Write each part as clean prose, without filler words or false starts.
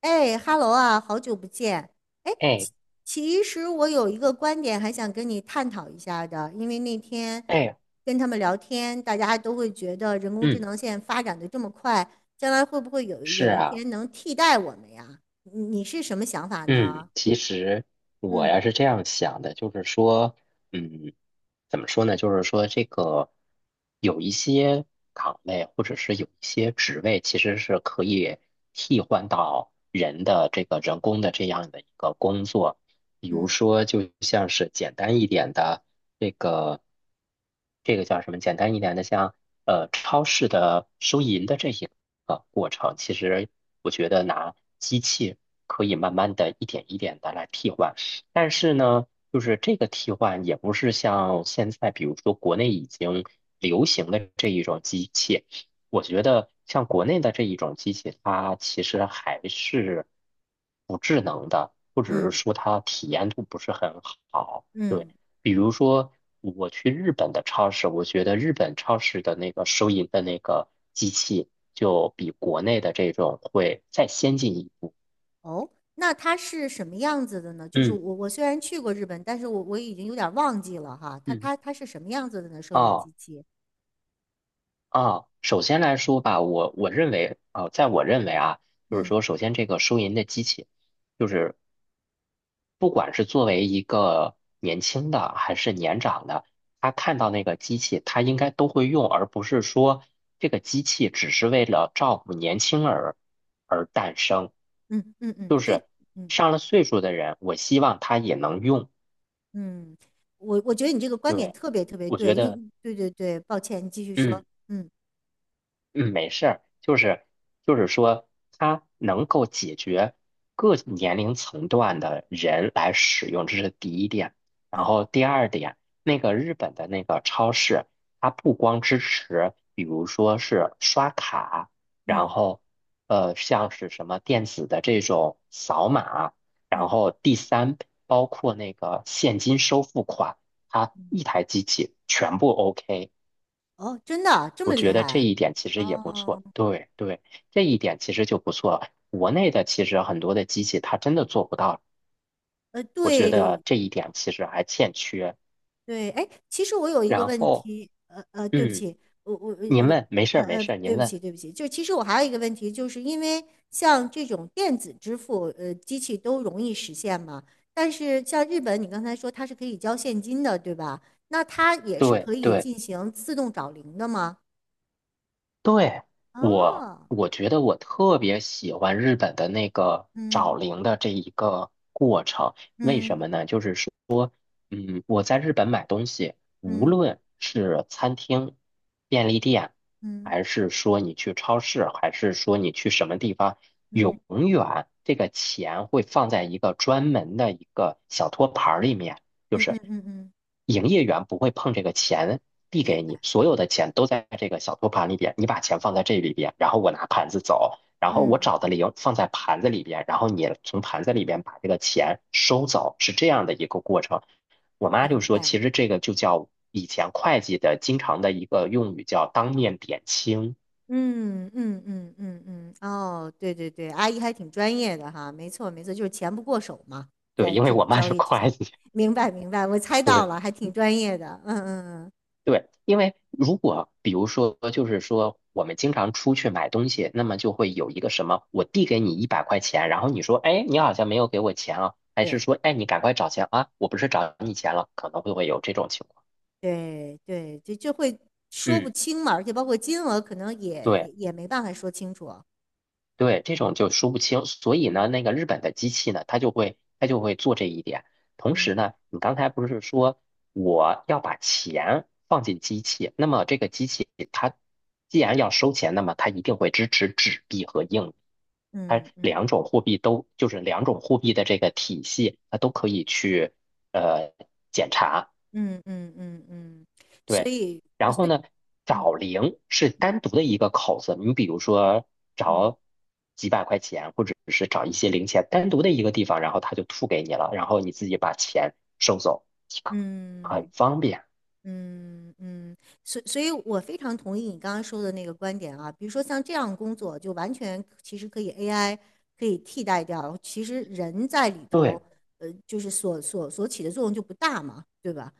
哎哈喽啊，好久不见。哎，哎其其实我有一个观点还想跟你探讨一下的，因为那天哎，跟他们聊天，大家都会觉得人工智嗯，能现在发展的这么快，将来会不会有是有一啊，天能替代我们呀？你是什么想法嗯，呢？其实我嗯呀是这样想的，就是说，嗯，怎么说呢？就是说，这个有一些岗位或者是有一些职位，其实是可以替换到人的这个人工的这样的一个工作，比如嗯说，就像是简单一点的。这个这个叫什么？简单一点的，像超市的收银的这一个过程，其实我觉得拿机器可以慢慢的一点一点的来替换，但是呢，就是这个替换也不是像现在，比如说国内已经流行的这一种机器，我觉得像国内的这一种机器，它其实还是不智能的，或者是嗯说它体验度不是很好。对。嗯，比如说，我去日本的超市，我觉得日本超市的那个收银的那个机器，就比国内的这种会再先进一步。哦，那它是什么样子的呢？就是嗯我虽然去过日本，但是我已经有点忘记了哈，它嗯，它它是什么样子的呢？收音哦机器，哦，首先来说吧，我认为，啊，在我认为啊，就是嗯说，首先这个收银的机器，就是不管是作为一个年轻的还是年长的，他看到那个机器，他应该都会用，而不是说这个机器只是为了照顾年轻儿而诞生。嗯嗯嗯，这。嗯上了岁数的人，我希望他也能用。嗯，我我觉得你这个观点对，特别特别我觉对，得，因对对对，抱歉，你继续说。嗯。嗯嗯，没事儿，就是说，它能够解决各年龄层段的人来使用，这是第一点。然后嗯第二点，那个日本的那个超市，它不光支持，比如说是刷卡，然嗯后像是什么电子的这种扫码，然嗯后第三，包括那个现金收付款，它嗯，一台机器全部 OK。哦，真的啊这我么厉觉害得这啊？一点其实也不哦，错，对对，这一点其实就不错。国内的其实很多的机器它真的做不到，呃，我觉对，得这一点其实还欠缺。对，哎，其实我有一个然问后，题，对不嗯，起，我我您我问，没事儿没事儿，对您不问。起对不起，就其实我还有一个问题，就是因为像这种电子支付，机器都容易实现嘛，但是像日本，你刚才说它是可以交现金的，对吧？那它也是对可以对进行自动找零的吗？对，我哦，我觉得我特别喜欢日本的那个找嗯零的这一个过程，为什嗯么呢？就是说。嗯，我在日本买东西，无嗯论是餐厅、便利店，嗯还是说你去超市，还是说你去什么地方，永嗯远这个钱会放在一个专门的一个小托盘儿里面，就嗯是嗯嗯嗯，营业员不会碰这个钱递明给你，白，所有的钱都在这个小托盘里边，你把钱放在这里边，然后我拿盘子走，然后我嗯，找的零放在盘子里边，然后你从盘子里边把这个钱收走，是这样的一个过程。我妈就明说，白。其实这个就叫以前会计的经常的一个用语叫当面点清。嗯嗯嗯嗯嗯，哦，对对对，阿姨还挺专业的哈，没错没错，就是钱不过手嘛，对，在因为这我个妈交是易之前，会计。明白明白，我猜到对了，还挺专业的，嗯嗯嗯，对，因为如果比如说，就是说我们经常出去买东西，那么就会有一个什么，我递给你一百块钱，然后你说，哎，你好像没有给我钱啊，还是对说，哎，你赶快找钱啊，我不是找你钱了，可能会有这种情况。对对，就会说不嗯，清嘛，而且包括金额可能也也对。也没办法说清楚，对，这种就说不清。所以呢，嗯那个日本的机器呢，它就会做这一点。同时嗯呢，你刚才不是说我要把钱放进机器，那么这个机器它既然要收钱，那么它一定会支持纸币和硬币，它嗯嗯两种货币都就是两种货币的这个体系，它都可以去呃检查。嗯嗯嗯嗯，所对，以然所后以呢，嗯找零是单独的一个口子，你比如说嗯找几百块钱，或者是找一些零钱，单独的一个地方，然后他就吐给你了，然后你自己把钱收走即可，很嗯。方便。嗯嗯，所以，我非常同意你刚刚说的那个观点啊。比如说，像这样工作，就完全其实可以 AI 可以替代掉。其实人在里头，对就是所起的作用就不大嘛，对吧？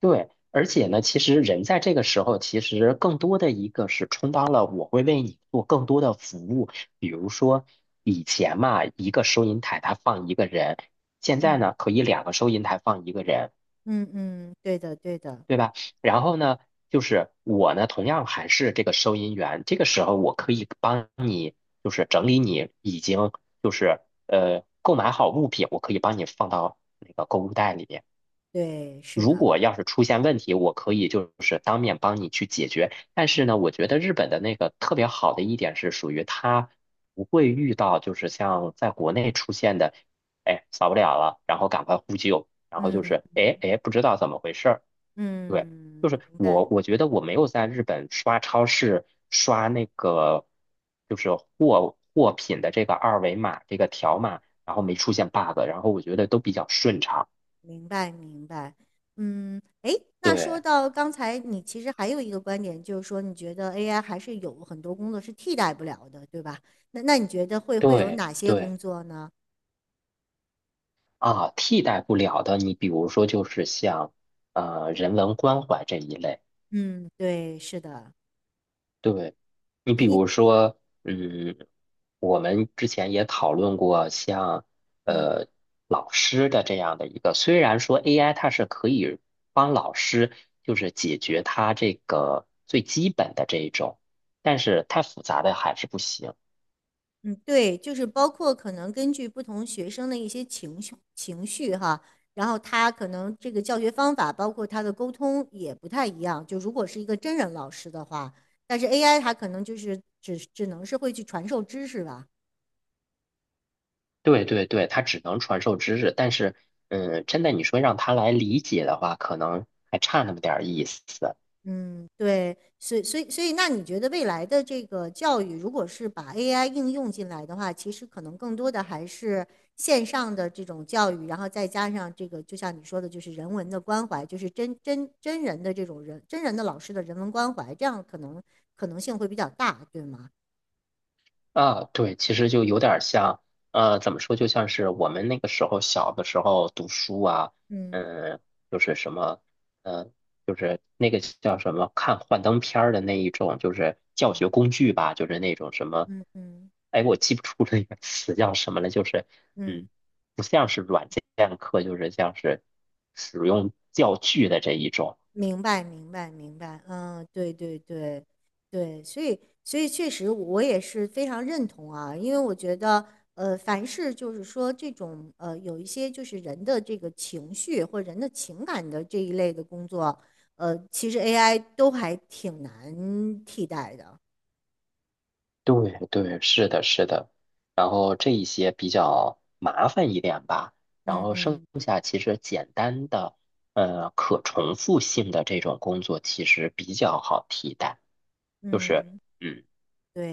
对，而且呢，其实人在这个时候，其实更多的一个是充当了我会为你做更多的服务，比如说以前嘛，一个收银台它放一个人，现在嗯呢可以两个收银台放一个人。嗯嗯，对的对的，对吧？然后呢，就是我呢，同样还是这个收银员，这个时候我可以帮你，就是整理你已经就是购买好物品，我可以帮你放到那个购物袋里面。对，是如的，果要是出现问题，我可以就是当面帮你去解决。但是呢，我觉得日本的那个特别好的一点是属于它不会遇到就是像在国内出现的，哎，扫不了了，然后赶快呼救，然后就嗯是哎哎不知道怎么回事儿。对，就嗯，是明我，白，我觉得我没有在日本刷超市刷那个，就是货品的这个二维码这个条嗯码，然后没嗯。出现 bug，然后我觉得都比较顺畅。明白，明白。嗯，诶，那说对到刚才你其实还有一个观点，就是说你觉得 AI 还是有很多工作是替代不了的，对吧？那你觉得会有对哪些对，工作呢？啊，替代不了的，你比如说就是像人文关怀这一类。嗯，对，是的，对，你你比你如说，嗯嗯，我们之前也讨论过像，嗯。呃老师的这样的一个，虽然说 AI 它是可以帮老师就是解决他这个最基本的这一种，但是太复杂的还是不行。嗯，对，就是包括可能根据不同学生的一些情绪哈，然后他可能这个教学方法，包括他的沟通也不太一样。就如果是一个真人老师的话，但是 AI 它可能就是只能是会去传授知识吧。对对对，它只能传授知识，但是，嗯，真的你说让他来理解的话，可能还差那么点儿意思。嗯，对，所以，那你觉得未来的这个教育，如果是把 AI 应用进来的话，其实可能更多的还是线上的这种教育，然后再加上这个，就像你说的，就是人文的关怀，就是真人的这种人，真人的老师的人文关怀，这样可能性会比较大，对吗？啊，对，其实就有点儿像，怎么说，就像是我们那个时候小的时候读书啊，嗯嗯，就是什么，嗯，就是那个叫什么，看幻灯片儿的那一种，就是教学工嗯具吧，就是那种什么，嗯嗯哎，我记不住那个词叫什么了，就是，嗯。嗯，不像是软件课，就是像是使用教具的这一种。明白，明白，明白。嗯，对对对对，所以确实我也是非常认同啊，因为我觉得凡是就是说这种有一些就是人的这个情绪或人的情感的这一类的工作，其实 AI 都还挺难替代的。对对，是的，是的。然后这一些比较麻烦一点吧，然嗯后剩嗯下其实简单的，可重复性的这种工作其实比较好替代。就是，嗯，嗯，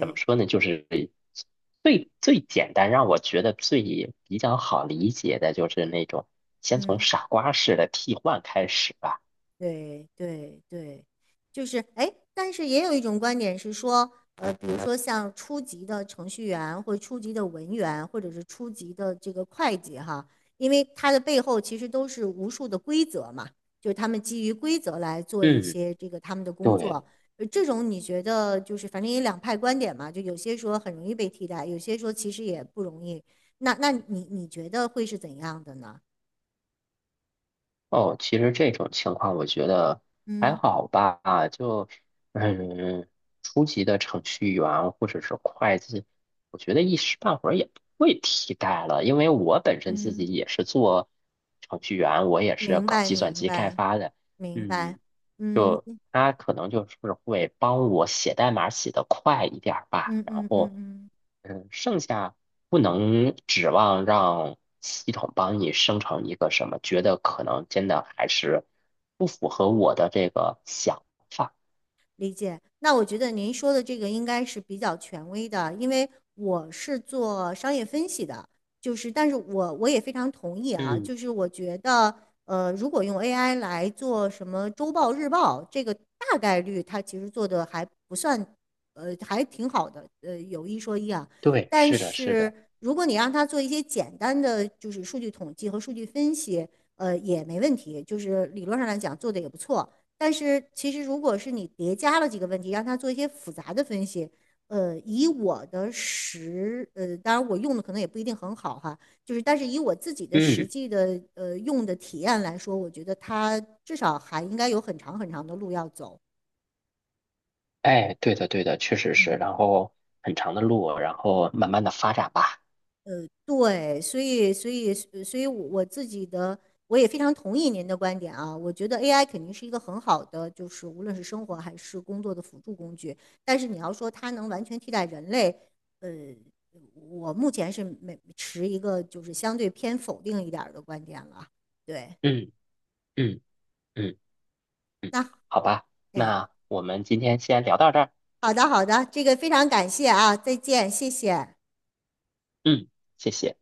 怎么说呢？就是最最简单，让我觉得最比较好理解的就是那种先从嗯。傻瓜式的替换开始吧。对对对，就是哎，诶但是也有一种观点是说，比如说像初级的程序员，或者初级的文员，或者是初级的这个会计哈，因为它的背后其实都是无数的规则嘛，就是他们基于规则来做一嗯，些这个他们的工对。作。这种你觉得就是反正也两派观点嘛，就有些说很容易被替代，有些说其实也不容易。那你觉得会是怎样的呢？哦，其实这种情况我觉得还嗯好吧，就嗯，初级的程序员或者是会计，我觉得一时半会儿也不会替代了，因为我本身自嗯，己也是做程序员，我也是明搞白计算明机开白。发的，明白。嗯，嗯就他可能就是会帮我写代码写得快一点儿吧，嗯然嗯嗯后嗯。嗯，剩下不能指望让系统帮你生成一个什么，觉得可能真的还是不符合我的这个想法。理解。那我觉得您说的这个应该是比较权威的，因为我是做商业分析的，就是但是我也非常同意啊，嗯，就是我觉得如果用 AI 来做什么周报、日报，这个大概率它其实做的还不算，还挺好的，有一说一啊。对，但是的，是是的，如果你让它做一些简单的就是数据统计和数据分析，也没问题，就是理论上来讲做的也不错。但是其实如果是你叠加了几个问题，让他做一些复杂的分析，呃，以我的实，呃，当然我用的可能也不一定很好哈，就是但是以我自己的实嗯，际的用的体验来说，我觉得他至少还应该有很长的路要走。哎，对的，对的，确实是。然后很长的路，然后慢慢的发展吧。对，所以所以呃所以我，我自己的我也非常同意您的观点啊。我觉得 AI 肯定是一个很好的，就是无论是生活还是工作的辅助工具。但是你要说它能完全替代人类，呃，我目前是没持一个就是相对偏否定一点儿的观点了。对，嗯嗯嗯嗯，那好吧，哎，那我们今天先聊到这儿。好的好的，这个非常感谢啊，再见，谢谢。嗯，谢谢。